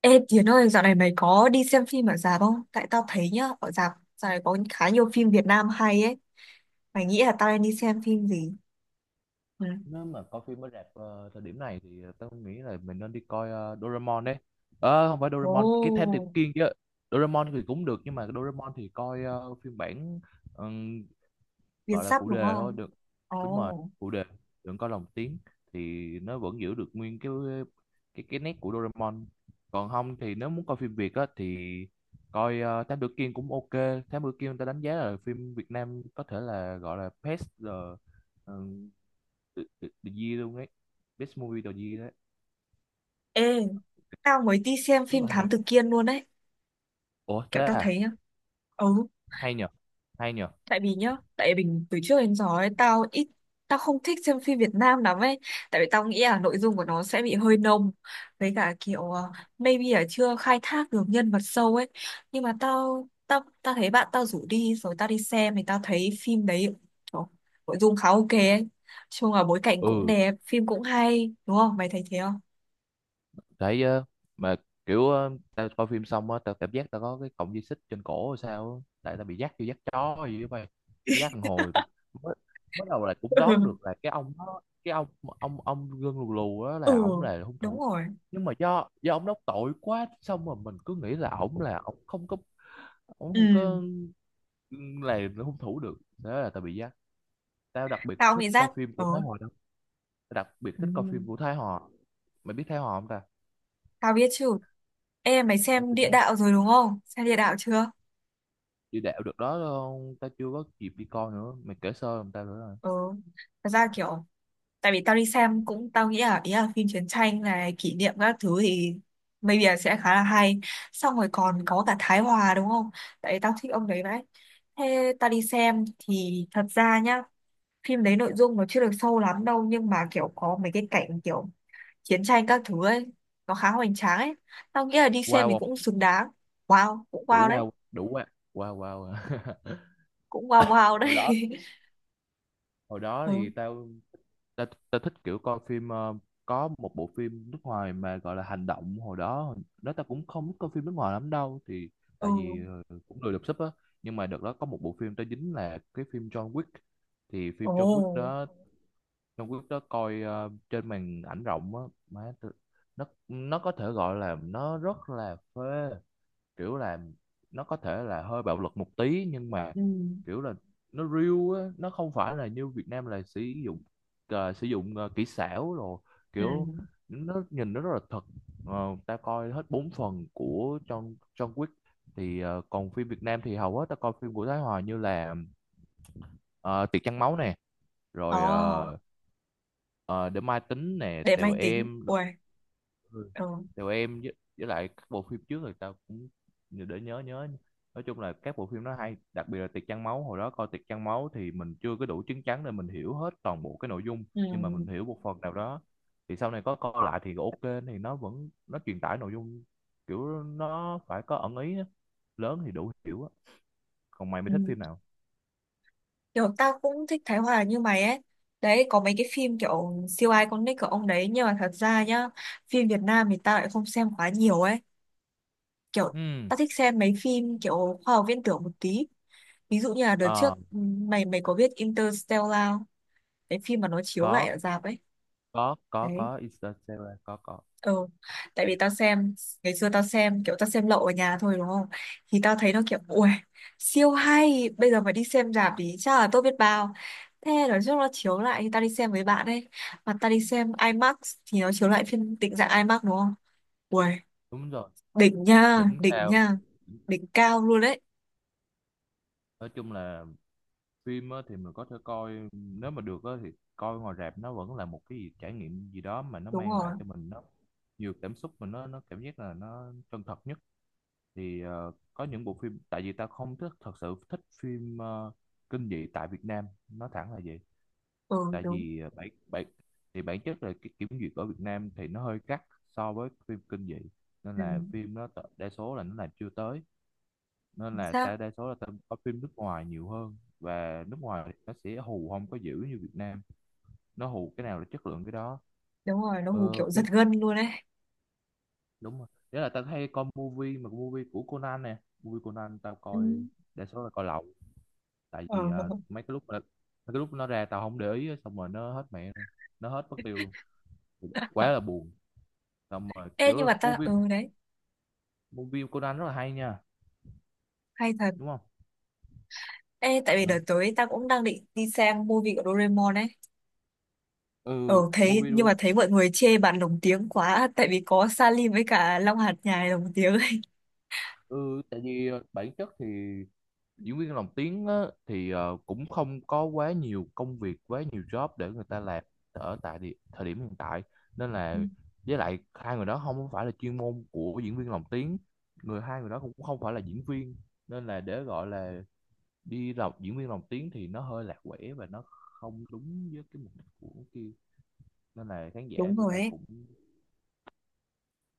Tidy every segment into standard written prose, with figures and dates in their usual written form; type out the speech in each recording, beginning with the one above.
Ê Tiến ơi, dạo này mày có đi xem phim ở rạp không? Tại tao thấy nhá, ở rạp dạo này có khá nhiều phim Việt Nam hay ấy. Mày nghĩ là tao nên đi xem phim gì? Ừ. Nếu mà coi phim ở rạp thời điểm này thì tao nghĩ là mình nên đi coi Doraemon đấy. Không phải Ồ, Doraemon, cái Thám Tử Kiên chứ. Doraemon thì cũng được nhưng mà cái Doraemon thì coi phiên bản, ừm, Việt gọi là sắp phụ đúng đề thôi không? được. Đúng rồi, Ồ. phụ đề, đừng coi lồng tiếng thì nó vẫn giữ được nguyên cái nét của Doraemon. Còn không thì nếu muốn coi phim Việt á thì coi Thám Tử Kiên cũng ok. Thám Tử Kiên, ta đánh giá là phim Việt Nam có thể là gọi là best uh, the Year luôn ấy, Best Movie of the Year đấy. Ê, tao mới đi xem Rất phim là Thám hay. Tử Kiên luôn đấy. Ủa, Kiểu thế tao à? thấy nhá. Ừ, Hay nhờ, hay nhờ. tại vì nhá tại vì mình từ trước đến giờ ấy tao ít tao không thích xem phim Việt Nam lắm ấy, tại vì tao nghĩ là nội dung của nó sẽ bị hơi nông, với cả kiểu maybe là chưa khai thác được nhân vật sâu ấy. Nhưng mà tao tao tao thấy bạn tao rủ đi rồi tao đi xem thì tao thấy phim đấy, trời, nội dung khá ok ấy. Chung là bối cảnh cũng Ừ. đẹp, phim cũng hay, đúng không, mày thấy thế không? Thấy, mà kiểu tao coi phim xong á, tao cảm giác tao có cái cọng dây xích trên cổ hay sao á. Tại tao bị dắt vô, dắt chó hay gì đó mày. Cái dắt thằng hồi tụi- mới, Mới đầu là cũng đoán được là cái ông đó, cái ông gân lù lù đó Ừ, là ổng, là hung đúng thủ. rồi. Nhưng mà do ông đó tội quá, xong rồi mình cứ nghĩ là ổng, là ổng không có, ổng Ừ, không có là hung thủ được. Thế là tao bị dắt. Tao đặc biệt tao thích nghĩ coi giác, phim ờ, của Thái Hòa đâu, tao đặc biệt ừ. thích coi phim của Thái Hòa. Mày biết Thái Hòa không ta? Tao biết chứ. Ê, mày Ở xem phim địa Thái Hòa, đạo rồi đúng không? Xem địa đạo chưa? đi đạo được đó không? Tao chưa có kịp đi coi nữa, mày kể sơ làm tao nữa rồi. Ừ. Thật ra kiểu, tại vì tao đi xem cũng tao nghĩ là ý là phim chiến tranh này kỷ niệm các thứ thì maybe là sẽ khá là hay. Xong rồi còn có cả Thái Hòa đúng không? Tại vì tao thích ông đấy vậy. Thế tao đi xem thì thật ra nhá, phim đấy nội dung nó chưa được sâu lắm đâu, nhưng mà kiểu có mấy cái cảnh kiểu chiến tranh các thứ ấy, nó khá hoành tráng ấy. Tao nghĩ là đi xem Wow thì không? cũng xứng đáng. Wow, cũng wow Đủ đấy, wow, đủ wow. Wow wow à. cũng wow wow hồi đấy. đó Hồi đó thì Ừ. tao, tao, tao thích kiểu coi phim có một bộ phim nước ngoài mà gọi là hành động. Hồi đó tao cũng không biết coi phim nước ngoài lắm đâu thì Ừ. tại vì cũng lười đọc sub á. Nhưng mà đợt đó có một bộ phim tao dính là cái phim John Wick. Thì phim John Wick Ồ. đó, trong clip đó coi trên màn ảnh rộng á, má tôi- nó có thể gọi là nó rất là phê. Kiểu là nó có thể là hơi bạo lực một tí nhưng mà Ừ. kiểu là nó real á, nó không phải là như Việt Nam là sử dụng, kỹ xảo rồi, Ừ. kiểu nó nhìn nó rất là thật. Ta coi hết 4 phần của trong trong Wick. Thì còn phim Việt Nam thì hầu hết ta coi phim của Thái Hòa như là ờ, Tiệc Trăng Máu nè, rồi Ồ. Ờ, để mai tính nè, Để tèo máy tính. em rồi- Ui. Ừ. tèo em với lại các bộ phim trước người ta cũng, để nhớ nhớ. Nói chung là các bộ phim nó hay, đặc biệt là Tiệc Trăng Máu. Hồi đó coi Tiệc Trăng Máu thì mình chưa có đủ chứng chắn để mình hiểu hết toàn bộ cái nội dung, Ừ. nhưng mà mình hiểu một phần nào đó. Thì sau này có coi lại thì ok, thì nó vẫn, nó truyền tải nội dung, kiểu nó phải có ẩn ý á. Lớn thì đủ hiểu á. Còn mày mới Ừ. thích phim nào? Kiểu tao cũng thích Thái Hòa như mày ấy. Đấy, có mấy cái phim kiểu siêu ai con nick của ông đấy. Nhưng mà thật ra nhá, phim Việt Nam thì tao lại không xem quá nhiều ấy. Kiểu Ừ. tao thích xem mấy phim kiểu khoa học viễn tưởng một tí. Ví dụ như là đợt trước, Ờ, ừ, mày mày có biết Interstellar, cái phim mà nó chiếu có lại ở rạp ấy. Đấy. có Interstellar, có. Ừ. Tại vì tao xem, ngày xưa tao xem kiểu tao xem lậu ở nhà thôi đúng không? Thì tao thấy nó kiểu ui siêu hay, bây giờ mà đi xem rạp thì chắc là tốt biết bao. Thế nói chung nó chiếu lại thì tao đi xem với bạn ấy. Mà tao đi xem IMAX thì nó chiếu lại phiên định dạng IMAX đúng không? Ui, Đúng rồi. đỉnh nha, Đỉnh đỉnh cao. nha, đỉnh cao luôn đấy. Nói chung là phim á, thì mình có thể coi nếu mà được á, thì coi ngoài rạp nó vẫn là một cái gì, trải nghiệm gì đó mà nó Đúng mang lại rồi. cho mình, nó nhiều cảm xúc mà nó cảm giác là nó chân thật nhất. Thì có những bộ phim, tại vì ta không thích, thật sự thích phim kinh dị tại Việt Nam, nói thẳng là vậy. Ừ Tại đúng. vì ờ, bản bản thì bản chất là cái kiểm duyệt ở Việt Nam thì nó hơi gắt so với phim kinh dị. Nên Ừ, là phim đa số là nó làm chưa tới, nên chính là xác. ta đa số là ta coi phim nước ngoài nhiều hơn, và nước ngoài thì nó sẽ hù không có dữ như Việt Nam, nó hù cái nào là chất lượng cái đó. Đúng rồi, nó hù Ờ, kiểu giật phim gân luôn đấy. Đúng rồi. Đấy là ta hay coi movie, mà movie của Conan nè. Movie Conan tao Ừ. coi đa số là coi lậu. Tại Ừ. vì mấy cái lúc nó ra tao không để ý á, xong rồi nó hết mẹ luôn, nó hết mất tiêu luôn, quá là buồn. Xong rồi Ê kiểu nhưng là mà ta, movie ừ đấy, movie Conan rất là hay nha, hay thật. đúng không? Ê, tại vì Ừ, đợt tới ta cũng đang định đi xem movie của Doraemon ấy. Ờ, ừ thấy, movie nhưng đó- mà thấy mọi người chê bạn lồng tiếng quá, tại vì có Salim với cả Long Hạt Nhài lồng tiếng ấy. ừ Tại vì bản chất thì diễn viên lồng tiếng á, thì cũng không có quá nhiều công việc, quá nhiều job để người ta làm ở tại thời điểm hiện tại, nên Ừ. là với lại hai người đó không có phải là chuyên môn của diễn viên lồng tiếng, hai người đó cũng không phải là diễn viên, nên là để gọi là đi làm diễn viên lồng tiếng thì nó hơi lạc quẻ và nó không đúng với cái mục đích của kia, nên là khán giả Đúng người rồi ta ấy, cũng.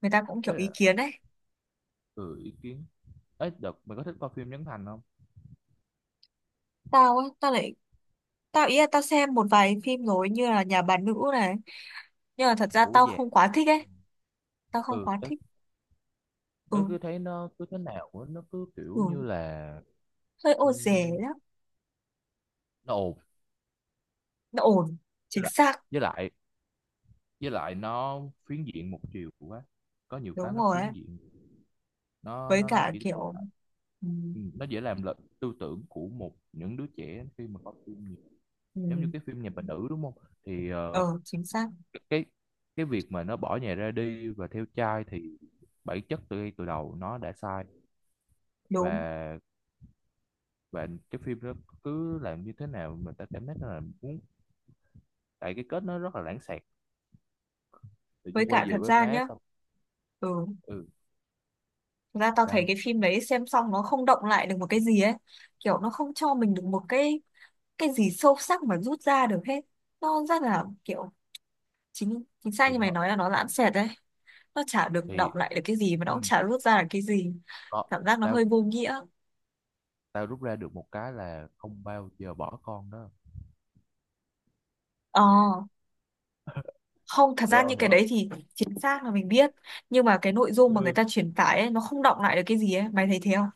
người ta cũng kiểu Ấy ý là, kiến ấy. ừ, ý kiến. Ấy đợt mày có thích coi phim Trấn Thành không? Tao á, tao lại, tao ý là tao xem một vài phim rồi như là Nhà bà nữ này, nhưng mà thật ra Bố tao già. không quá thích ấy, tao không Ừ. quá thích. Ừ, Bé cứ thấy nó cứ thế nào á, nó cứ kiểu như ừ, là, hơi ô dề ừm, lắm, nó ồn. nó ổn, với chính lại xác, với lại với lại nó phiến diện một chiều quá, có nhiều cái đúng nó rồi ấy. phiến diện, Với nó cả chỉ mô kiểu, tả- ừ, Ừ, nó dễ làm lệch tư tưởng của một, những đứa trẻ khi mà có phim nhiều. ừ, Giống như cái phim Nhà Bà ừ, Nữ đúng không? Thì ờ, chính xác, cái cái việc mà nó bỏ nhà ra đi và theo trai thì bản chất từ ngay từ đầu nó đã sai. đúng. và và cái phim đó cứ làm như thế nào mình, ta cảm thấy là muốn, tại cái kết nó rất là lãng xẹt, tự Với nhiên cả quay về thật với ra má nhá, xong. ừ, Ừ. thực ra tao thấy Sao? cái phim đấy xem xong nó không động lại được một cái gì ấy, kiểu nó không cho mình được một cái gì sâu sắc mà rút ra được hết. Nó rất là kiểu chính chính xác Thì như mày đó nói là nó lãng xẹt đấy, nó chả được động thì, lại được cái gì mà nó ừ, cũng chả rút ra được cái gì, có, cảm giác nó tao hơi vô nghĩa. tao rút ra được một cái là không bao giờ bỏ con đó. Ờ, không, thật Hiểu ra không, những cái hiểu không? đấy thì chính xác là mình biết, nhưng mà cái nội dung mà người Ừ. ta truyền tải ấy nó không động lại được cái gì ấy, mày thấy thế không?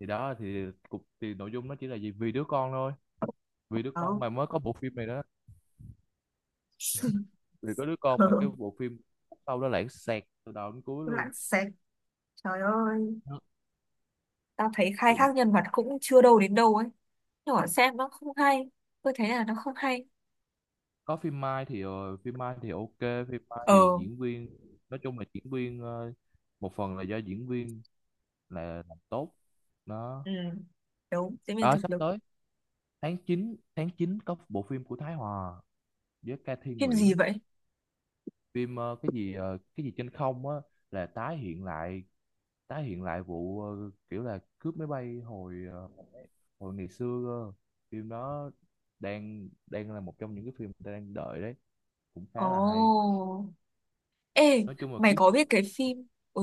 Thì đó thì cục thì nội dung nó chỉ là gì, vì đứa con thôi, vì đứa con Không. mà mới có bộ phim này đó, vì có đứa con mà cái Ừ, bộ phim sau đó lãng xẹt từ đầu đến cuối luôn. lãng xẹt. Trời ơi. Nó- Tao thấy khai tự- thác nhân vật cũng chưa đâu đến đâu ấy, nhỏ xem nó không hay, tôi thấy là nó không hay. có phim Mai thì phim Mai thì ok. Phim Mai Ờ, thì diễn viên, nói chung là diễn viên một phần là do diễn viên là làm tốt, nó... ừ, đúng, diễn viên Ờ thực sắp lực. tới, tháng 9 có bộ phim của Thái Hòa với Ca Thi Phim gì Nguyễn. vậy? Phim cái gì trên không á, là tái hiện lại vụ kiểu là cướp máy bay hồi hồi ngày xưa cơ. Phim đó đang đang là một trong những cái phim người ta đang đợi đấy, cũng khá Ồ. là hay. Ê, Nói chung là mày kiếm. có biết cái phim, ừ,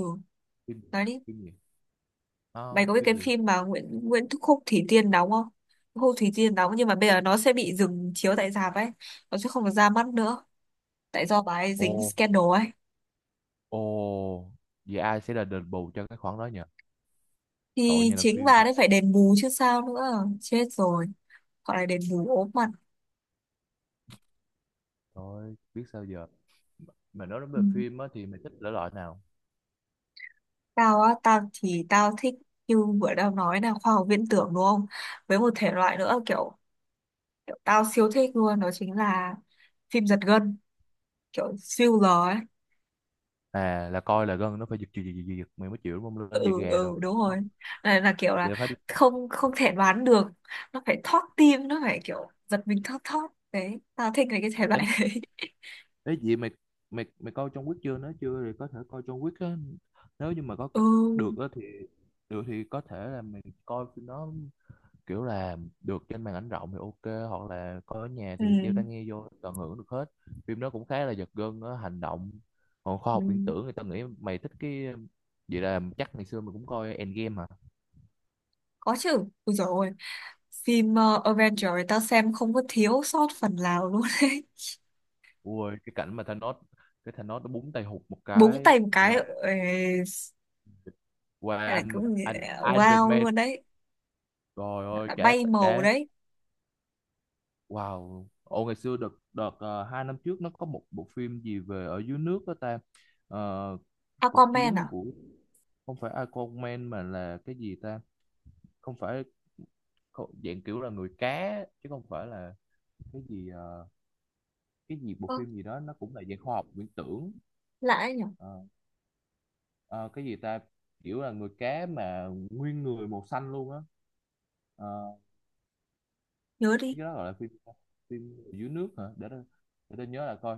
Phim? nói đi, Phim gì? À, mày có biết phim cái gì? phim mà Nguyễn Nguyễn Khúc Thủy Tiên đóng không? Khúc Thủy Tiên đóng nhưng mà bây giờ nó sẽ bị dừng chiếu tại rạp ấy, nó sẽ không được ra mắt nữa, tại do bà ấy Ồ. dính scandal ấy. Ồ. Vậy ai sẽ là đền bù cho cái khoản đó nhỉ? Tội Thì nhà làm chính phim bà ấy vậy. phải đền bù chứ sao nữa, chết rồi. Gọi là đền bù ốm mặt. Thôi biết sao giờ. Mà nói đến về Ừ. phim á thì mày thích thể loại nào? Tao á, tao thì tao thích, như vừa tao nói là khoa học viễn tưởng đúng không? Với một thể loại nữa kiểu, kiểu tao siêu thích luôn đó chính là phim giật gân, kiểu thriller ấy. À, là coi là gân nó phải giật giật giật giật giật, mày mới chịu đúng không? Lên giật Ừ gà rồi ừ đúng đúng rồi. không? Là kiểu Vậy là là phải đi. không, không thể đoán được, nó phải thót tim, nó phải kiểu giật mình thót thót. Đấy, tao thích cái thể loại Ấy, đấy. ấy gì mày mày mày coi John Wick chưa? Nếu chưa thì có thể coi John Wick á, nếu như mà Ừ, được á thì, được thì có thể là mày coi phim đó, kiểu là được trên màn ảnh rộng thì ok, hoặc là coi ở nhà ừ, thì đeo tai nghe vô tận hưởng được hết. Phim đó cũng khá là giật gân á, hành động. Còn khoa ừ. học viễn tưởng người ta nghĩ mày thích cái. Vậy là chắc ngày xưa mày cũng coi Endgame hả? Có chứ. Ui dồi ôi. Phim Avengers tao xem không có thiếu sót phần nào luôn đấy. Ui, cái cảnh mà Thanos, cái Thanos nó búng tay hụt một Búng cái, tay một cái. qua, Ê, qua đây là anh cũng anh Iron wow Man, luôn đấy. rồi ơi Đã cả, bay màu cả đấy. wow. Ồ, ngày xưa đợt đợt 2 năm trước nó có một bộ phim gì về ở dưới nước đó ta. Ờ, cuộc Aquaman chiến à? của, không phải Iron Man mà là cái gì ta? Không phải, dạng kiểu là người cá chứ không phải là cái gì, cái gì, bộ Ơ, phim gì đó nó cũng là dạng khoa học viễn tưởng. lạ đấy nhở? Ờ, Ờ, cái gì ta? Kiểu là người cá mà nguyên người màu xanh luôn á. Ờ, Nhớ đi. cái đó gọi là phim, phim dưới nước hả, để tôi nhớ là coi.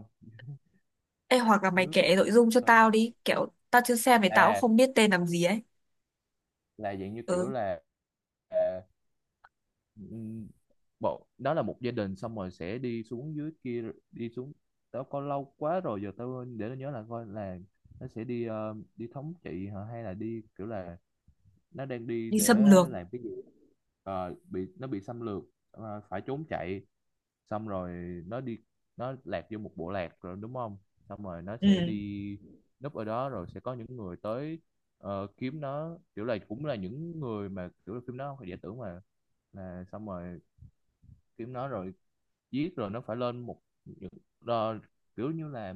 Ê, hoặc là mày nước kể nội dung cho ờ, tao đi. Kiểu tao chưa xem thì tao cũng À, không biết tên làm gì ấy. là dạng như kiểu Ừ, là, à, ừm, bộ đó là một gia đình xong rồi sẽ đi xuống dưới kia, đi xuống. Tao coi lâu quá rồi giờ tao, để tôi nhớ là coi, là nó sẽ đi đi thống trị hả, hay là đi kiểu là, nó đang đi đi để xâm lược. làm cái gì. Ờ, bị, nó bị xâm lược, phải trốn chạy, xong rồi nó đi, nó lạc vô một bộ lạc rồi đúng không, xong rồi nó sẽ Ừ. đi núp ở đó, rồi sẽ có những người tới kiếm nó, kiểu là cũng là những người mà kiểu là phim nó không phải giả tưởng mà là, xong rồi kiếm nó rồi giết, rồi nó phải lên một những, đo- kiểu như là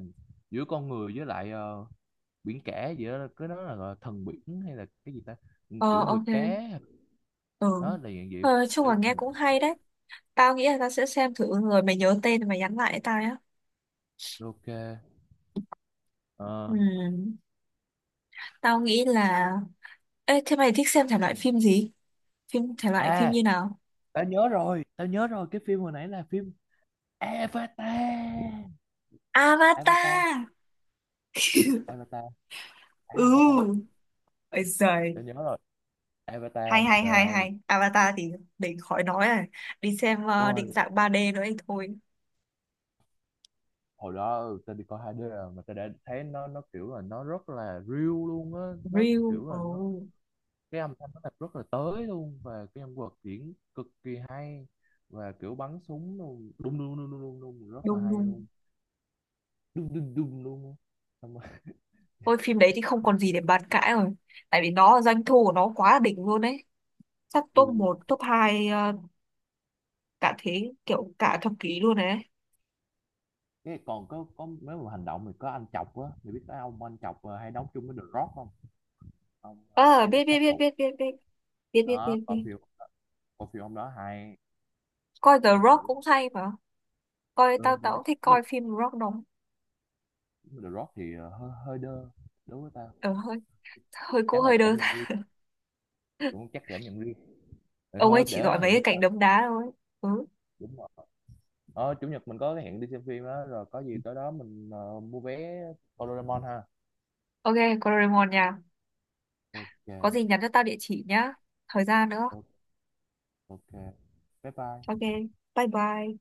giữa con người với lại biển cả gì đó, cái đó là gọi là thần biển hay là cái gì ta. Ừ, Ờ, kiểu người ok. cá. Ừ. Đó là dạng vậy. Ờ, chung Đấy, là nghe cũng hay đấy. Tao nghĩ là tao sẽ xem thử rồi mày nhớ tên mày nhắn lại cho tao nhá. ok. Ờ, Ừ. Tao nghĩ là... Ê, thế mày thích xem thể loại phim gì? Phim thể loại phim à, như nào? Tao nhớ rồi, cái phim hồi nãy là phim Avatar. Avatar, Avatar. Avatar, Ừ. Avatar. Ôi giời, Tao nhớ rồi. hay Avatar hay trời hay ơi. hay, Avatar thì để khỏi nói rồi, đi xem định Ôi, dạng 3D nữa thì thôi. hồi đó, tao đi coi 2D rồi mà tao đã thấy nó kiểu là nó rất là real luôn á. Nó Real, kiểu là nó oh, Cái âm thanh nó thật, rất là tới luôn, và cái nhân vật diễn cực kỳ hay, và kiểu bắn súng luôn, đùng đùng đùng đùng đùng đùng, rất là đúng hay đúng. luôn, đùng đùng đùng luôn, xong rồi, Thôi phim đấy thì không còn gì để bàn cãi rồi, tại vì nó doanh thu của nó quá đỉnh luôn đấy, chắc top ừ. một top hai, cả thế kiểu cả thập kỷ luôn đấy. Cái còn có mấy, một hành động, mình có anh chọc á, mình biết cái ông anh chọc hay đóng chung với The Rock không? Ông, Ờ, hay là biết biết sát biết thủ biết biết biết, biết biết đó. biết biết. Coi phim ông đó hay. Coi The cái Rock kiểu cũng hay mà, coi tao ờ, The tao cũng Rock thích mình, coi phim The Rock đó. The Rock thì ờ, hơi hơi đơ đối với tao, Ờ, hơi, hơi cũng chắc là hơi cảm đơn. nhận riêng, cũng chắc cảm nhận riêng. Rồi Ông ấy thôi chỉ để giỏi mấy hẹn cái bữa cảnh nào. đấm đá thôi. Ừ. Đúng rồi, chủ nhật mình có cái hẹn đi xem phim á, rồi có gì tới đó mình mua vé coi Doraemon ha. Ok. Doraemon nha. Ok. Có gì nhắn cho tao địa chỉ nhá. Thời gian nữa. Ok. Ok. Bye Ok. bye. Bye bye.